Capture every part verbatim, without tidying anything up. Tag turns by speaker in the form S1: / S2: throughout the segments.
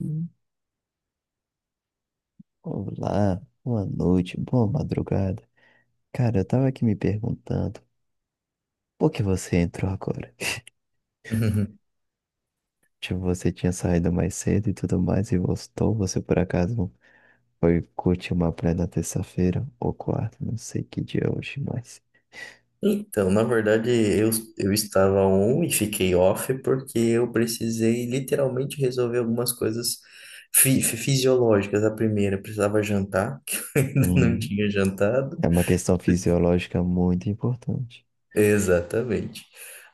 S1: Hum, Olá, boa noite, boa madrugada. Cara, eu tava aqui me perguntando, por que você entrou agora?
S2: Uhum.
S1: Tipo, você tinha saído mais cedo e tudo mais e voltou, você por acaso foi curtir uma praia na terça-feira ou quarta, não sei que dia é hoje, mas...
S2: Então, na verdade, eu, eu estava on e fiquei off porque eu precisei literalmente resolver algumas coisas fi- fi- fisiológicas. A primeira, eu precisava jantar, que eu ainda não
S1: hum,
S2: tinha jantado.
S1: É uma questão fisiológica muito importante.
S2: Exatamente.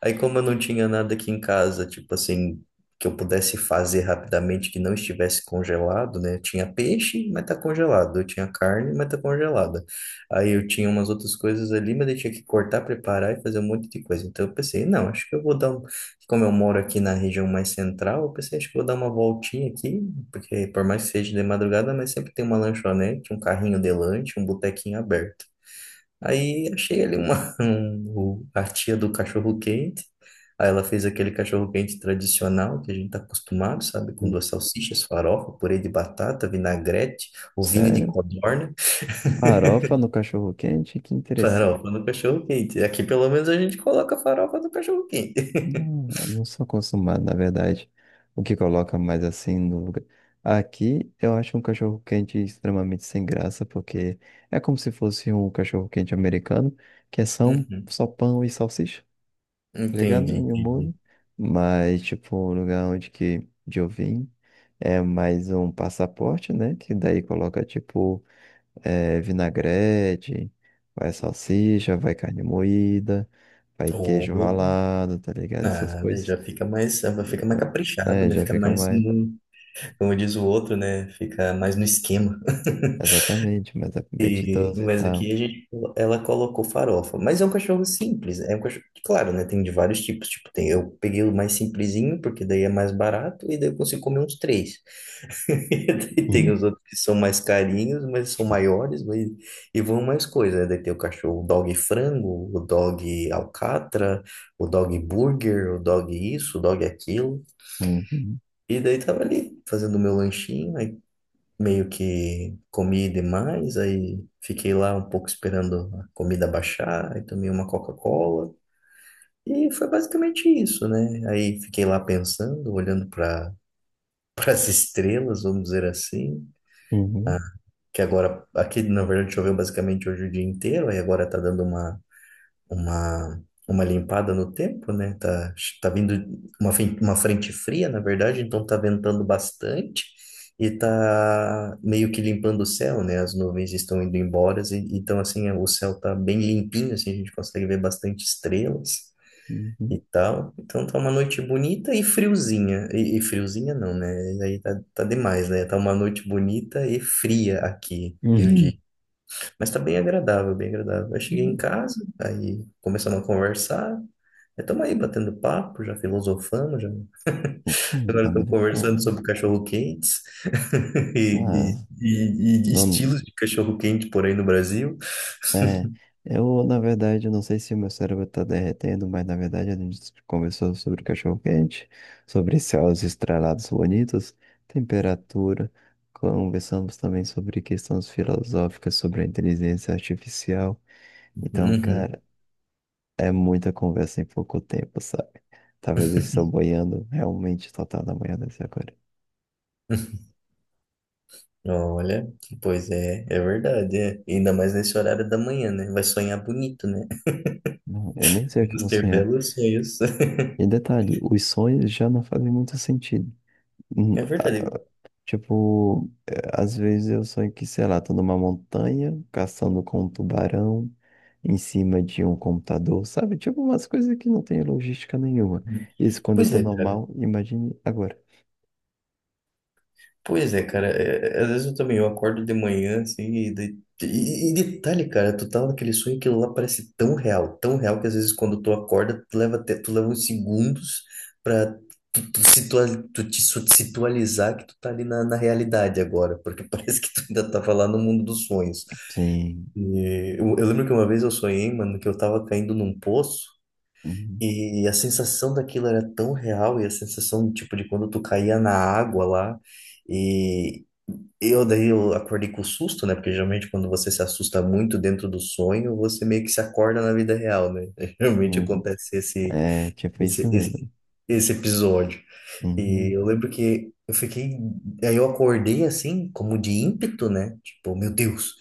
S2: Aí, como eu não tinha nada aqui em casa, tipo assim, que eu pudesse fazer rapidamente que não estivesse congelado, né? Eu tinha peixe, mas tá congelado. Eu tinha carne, mas tá congelada. Aí eu tinha umas outras coisas ali, mas eu tinha que cortar, preparar e fazer um monte de coisa. Então eu pensei, não, acho que eu vou dar um. Como eu moro aqui na região mais central, eu pensei, acho que eu vou dar uma voltinha aqui, porque por mais que seja de madrugada, mas sempre tem uma lanchonete, um carrinho de lanche, um botequinho aberto. Aí achei ali uma, um- o- a tia do cachorro-quente. Aí ela fez aquele cachorro-quente tradicional que a gente tá acostumado, sabe? Com
S1: Hum.
S2: duas salsichas, farofa, purê de batata, vinagrete, o vinho de
S1: Sério?
S2: codorna.
S1: Farofa no cachorro-quente, que
S2: Farofa no cachorro-quente. Aqui pelo menos a gente coloca farofa no cachorro-quente.
S1: Não, eu não sou acostumado, na verdade. O que coloca mais assim no lugar. Aqui eu acho um cachorro quente extremamente sem graça, porque é como se fosse um cachorro quente americano, que é só, um-
S2: Uhum.
S1: só pão e salsicha, tá ligado?
S2: Entendi,
S1: E um molho.
S2: entendi.
S1: Mas, tipo, o lugar onde que de eu vim é mais um passaporte, né? Que daí coloca, tipo, eh, vinagrete, vai salsicha, vai carne moída. Vai queijo
S2: Opa,
S1: ralado, tá ligado? Essas
S2: nada,
S1: coisas.
S2: já fica mais, fica mais caprichado,
S1: É,
S2: né?
S1: já
S2: Fica
S1: fica
S2: mais
S1: mais.
S2: no, como diz o outro, né? Fica mais no esquema.
S1: Exatamente, mas é
S2: E,
S1: competidor e
S2: mas
S1: tal.
S2: aqui a gente, ela colocou farofa. Mas é um cachorro simples, né? É um cachorro, claro, né? Tem de vários tipos. Tipo, tem, eu peguei o mais simplesinho, porque daí é mais barato, e daí eu consigo comer uns três. E daí tem
S1: Uhum,
S2: os outros que são mais carinhos, mas são maiores, mas, e vão mais coisa, né? Daí tem o cachorro, o dog frango, o dog alcatra, o dog burger, o dog isso, o dog aquilo.
S1: uhum,
S2: E daí tava ali, fazendo meu lanchinho, meio que comi demais, aí fiquei lá um pouco esperando a comida baixar, aí tomei uma Coca-Cola e foi basicamente isso, né? Aí fiquei lá pensando, olhando para para as estrelas, vamos dizer assim,
S1: uhum,
S2: que agora aqui na verdade choveu basicamente hoje o dia inteiro, aí agora tá dando uma uma, uma limpada no tempo, né? Tá, tá vindo uma, fen- uma frente fria, na verdade, então tá ventando bastante e tá meio que limpando o céu, né? As nuvens estão indo embora, e- então assim, é, o céu tá bem limpinho, assim, a gente consegue ver bastante estrelas. E
S1: uhum,
S2: tal, então tá uma noite bonita e friozinha. E, e friozinha não, né? Aí tá, tá demais, né? Tá uma noite bonita e fria aqui, eu
S1: uhum,
S2: digo. Mas tá bem agradável, bem agradável. Eu cheguei em
S1: uhum.
S2: casa, aí começamos a conversar. Estamos aí batendo papo, já filosofamos, já.
S1: Sim,
S2: Agora
S1: da
S2: estamos
S1: melhor
S2: conversando
S1: forma.
S2: sobre cachorro-quentes e,
S1: Só-
S2: e- e- e
S1: não-
S2: estilos de cachorro-quente por aí no Brasil.
S1: É, eu, na verdade, eu não sei se meu cérebro tá derretendo, mas na verdade a gente conversou sobre cachorro-quente, sobre céus estrelados bonitos, temperatura. Conversamos também sobre questões filosóficas, sobre a inteligência artificial. Então,
S2: Uhum.
S1: cara. É muita conversa em pouco tempo, sabe? Talvez eu estou boiando realmente total na manhã desse agora.
S2: Olha, pois é, é verdade, é. Ainda mais nesse horário da manhã, né? Vai sonhar bonito, né?
S1: Não, eu nem sei o que eu
S2: Vamos
S1: vou
S2: ter
S1: sonhar.
S2: belos sonhos.
S1: E detalhe, os sonhos já não fazem muito sentido. Hum,
S2: É verdade.
S1: ah, Tipo, eh, às vezes eu sonho que, sei lá, tô numa montanha, caçando com um tubarão, em cima de um computador, sabe? Tipo, umas coisas que não tem logística nenhuma. Isso quando eu
S2: Pois
S1: tô
S2: é, cara.
S1: normal, imagine agora.
S2: Pois é, cara, é- é, às vezes eu também eu acordo de manhã, assim, e, de- e- e detalhe, cara, tu tá naquele sonho, que aquilo lá parece tão real, tão real que às vezes quando tu acorda, tu leva até, tu leva uns segundos pra tu, tu, situa- tu te su- situalizar que tu tá ali na, na realidade agora, porque parece que tu ainda tava lá no mundo dos sonhos.
S1: Sim.
S2: E eu, eu lembro que uma vez eu sonhei, mano, que eu tava caindo num poço
S1: Uhum,
S2: e a sensação daquilo era tão real e a sensação, tipo, de quando tu caía na água lá. E, eu daí eu acordei com susto, né? Porque geralmente quando você se assusta muito dentro do sonho, você meio que se acorda na vida real, né? Geralmente
S1: uhum.
S2: acontece esse,
S1: É, tipo
S2: esse,
S1: isso mesmo.
S2: esse, esse episódio. E
S1: Uhum.
S2: eu lembro que eu fiquei. Aí eu acordei assim, como de ímpeto, né? Tipo, meu Deus.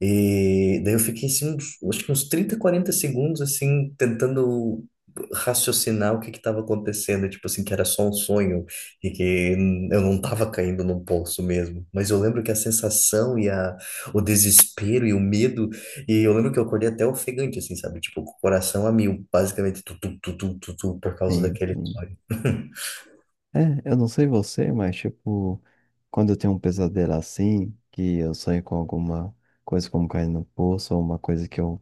S2: E daí eu fiquei assim, uns, acho que uns trinta quarenta segundos, assim, tentando raciocinar o que que estava acontecendo. Tipo assim, que era só um sonho e que eu não estava caindo num poço mesmo. Mas eu lembro que a sensação e a, o desespero e o medo. E eu lembro que eu acordei até ofegante, assim, sabe? Tipo, com o coração a mil, basicamente, tu, tu, tu, tu, tu, tu, por causa
S1: Sim,
S2: daquele
S1: sim.
S2: sonho.
S1: É, eu não sei você, mas tipo, quando eu tenho um pesadelo assim, que eu sonho com alguma coisa como cair no poço, ou uma coisa que eu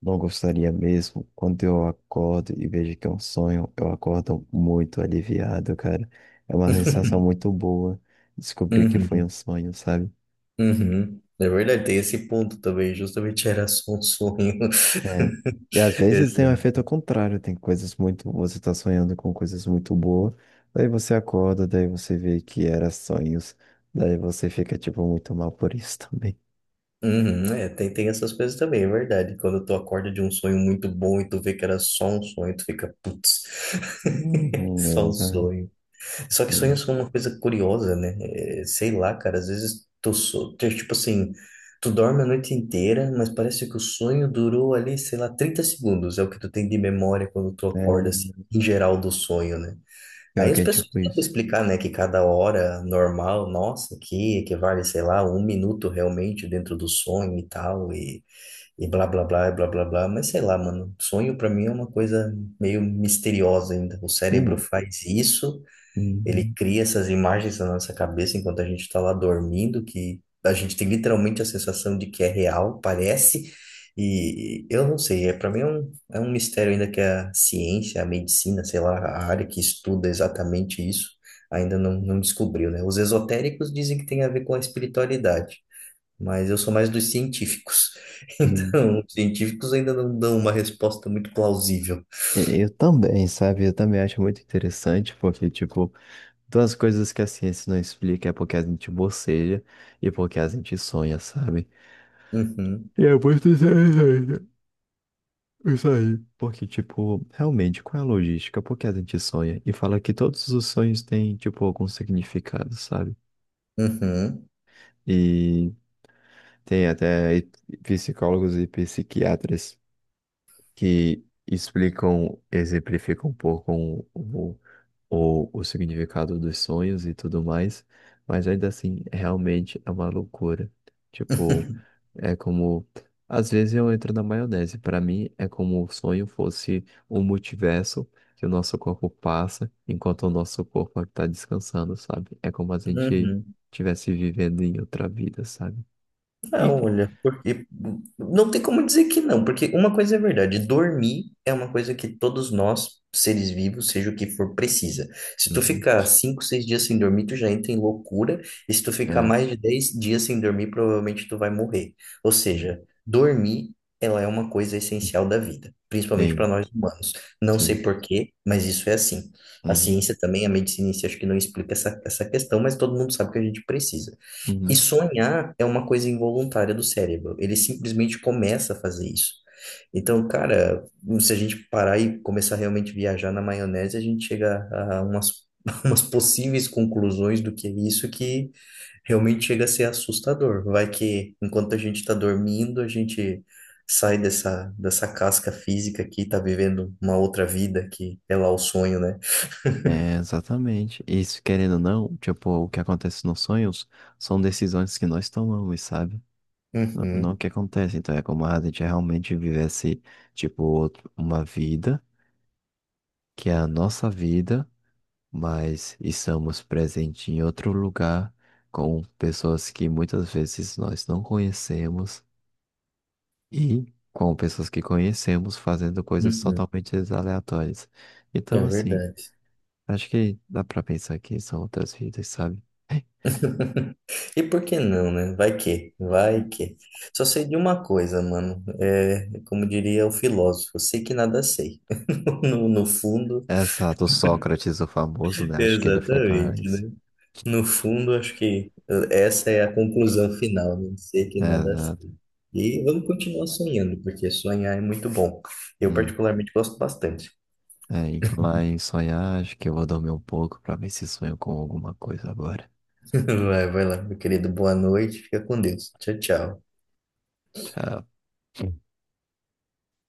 S1: não gostaria mesmo, quando eu acordo e vejo que é um sonho, eu acordo muito aliviado, cara. É uma sensação muito boa descobrir que foi um
S2: Uhum.
S1: sonho, sabe?
S2: Uhum. É verdade, tem esse ponto também, justamente era só um sonho.
S1: É. E às vezes tem um efeito ao
S2: Exato.
S1: contrário, tem coisas muito. Você tá sonhando com coisas muito boas, daí você acorda, daí você vê que era sonhos, daí você fica, tipo, muito mal por isso também.
S2: Uhum, é, tem, tem essas coisas também, é verdade. Quando tu acorda de um sonho muito bom e tu vê que era só um sonho, tu fica, putz,
S1: Uhum,
S2: só um
S1: exatamente.
S2: sonho. Só que sonhos
S1: Sim.
S2: são uma coisa curiosa, né? É, sei lá, cara, às vezes tu, so- tu, tipo assim, tu dorme a noite inteira, mas parece que o sonho durou ali, sei lá, trinta segundos, é o que tu tem de memória quando tu
S1: É,
S2: acorda, assim, em geral do sonho, né?
S1: pior
S2: Aí
S1: que
S2: as
S1: é
S2: pessoas
S1: tipo
S2: tentam
S1: isso.
S2: explicar, né, que cada hora normal, nossa, que equivale, sei lá, um minuto realmente dentro do sonho e tal, e, e blá blá blá, e blá blá blá, mas sei lá, mano, sonho pra mim é uma coisa meio misteriosa ainda. O cérebro
S1: Não.
S2: faz isso, ele
S1: Uhum.
S2: cria essas imagens na nossa cabeça enquanto a gente está lá dormindo, que a gente tem literalmente a sensação de que é real, parece. E eu não sei, é, para mim é um, é um mistério ainda que a ciência, a medicina, sei lá, a área que estuda exatamente isso, ainda não, não descobriu, né? Os esotéricos dizem que tem a ver com a espiritualidade, mas eu sou mais dos científicos.
S1: Uhum.
S2: Então, os científicos ainda não dão uma resposta muito plausível.
S1: E- Eu também, sabe? Eu também acho muito interessante, porque, tipo, duas coisas que a ciência não explica é porque a gente boceja e porque a gente sonha, sabe?
S2: Uhum,
S1: E é muito interessante. Isso aí. Porque, tipo, realmente, qual é a logística? Por que a gente sonha? E fala que todos os sonhos têm, tipo, algum significado, sabe?
S2: uhum,
S1: E tem até psicólogos e psiquiatras, que explicam, exemplificam um pouco o, o, o o significado dos sonhos e tudo mais, mas ainda assim, realmente é uma loucura. Tipo, é como. Às vezes eu entro na maionese. Para mim, é como o sonho fosse um multiverso que o nosso corpo passa enquanto o nosso corpo está descansando, sabe? É como a gente
S2: uhum.
S1: estivesse vivendo em outra vida, sabe?
S2: Ah,
S1: Enfim.
S2: olha, porque não tem como dizer que não, porque uma coisa é verdade, dormir é uma coisa que todos nós, seres vivos, seja o que for, precisa. Se tu
S1: Uhum.
S2: ficar cinco, seis dias sem dormir, tu já entra em loucura, e se tu ficar
S1: É.
S2: mais de dez dias sem dormir, provavelmente tu vai morrer. Ou
S1: Hum.
S2: seja, dormir, ela é uma coisa essencial da vida, principalmente para
S1: Sim,
S2: nós humanos. Não sei
S1: sim.
S2: por quê, mas isso é assim. A
S1: Uhum.
S2: ciência também, a medicina em si, acho que não explica essa, essa questão, mas todo mundo sabe que a gente precisa. E
S1: Uhum.
S2: sonhar é uma coisa involuntária do cérebro. Ele simplesmente começa a fazer isso. Então, cara, se a gente parar e começar realmente a viajar na maionese, a gente chega a umas, umas possíveis conclusões do que é isso que realmente chega a ser assustador. Vai que enquanto a gente está dormindo, a gente sai dessa, dessa casca física aqui, tá vivendo uma outra vida que é lá o sonho, né?
S1: É, exatamente. Isso, querendo ou não, tipo, o que acontece nos sonhos são decisões que nós tomamos, sabe? Não, não o
S2: Uhum,
S1: que acontece. Então é como a gente realmente vivesse, tipo, outro- uma vida que é a nossa vida, mas estamos presentes em outro lugar com pessoas que muitas vezes nós não conhecemos e com pessoas que conhecemos fazendo coisas
S2: uhum.
S1: totalmente aleatórias.
S2: É
S1: Então, assim,
S2: verdade.
S1: acho que dá pra pensar que são outras vidas, sabe?
S2: E por que não, né? Vai que, vai que. Só sei de uma coisa, mano. É, como diria o filósofo, sei que nada sei. No, no fundo,
S1: Exato, Sócrates, o famoso, né? Acho que ele foi cara
S2: exatamente,
S1: isso.
S2: né? No fundo, acho que essa é a conclusão final, né? Sei que
S1: É,
S2: nada
S1: exato.
S2: sei. E vamos continuar sonhando, porque sonhar é muito bom. Eu
S1: Hum.
S2: particularmente gosto bastante.
S1: É, e falar em sonhar, acho que eu vou dormir um pouco pra ver se sonho com alguma coisa agora.
S2: Vai, vai lá, meu querido. Boa noite. Fica com Deus. Tchau, tchau.
S1: Tchau.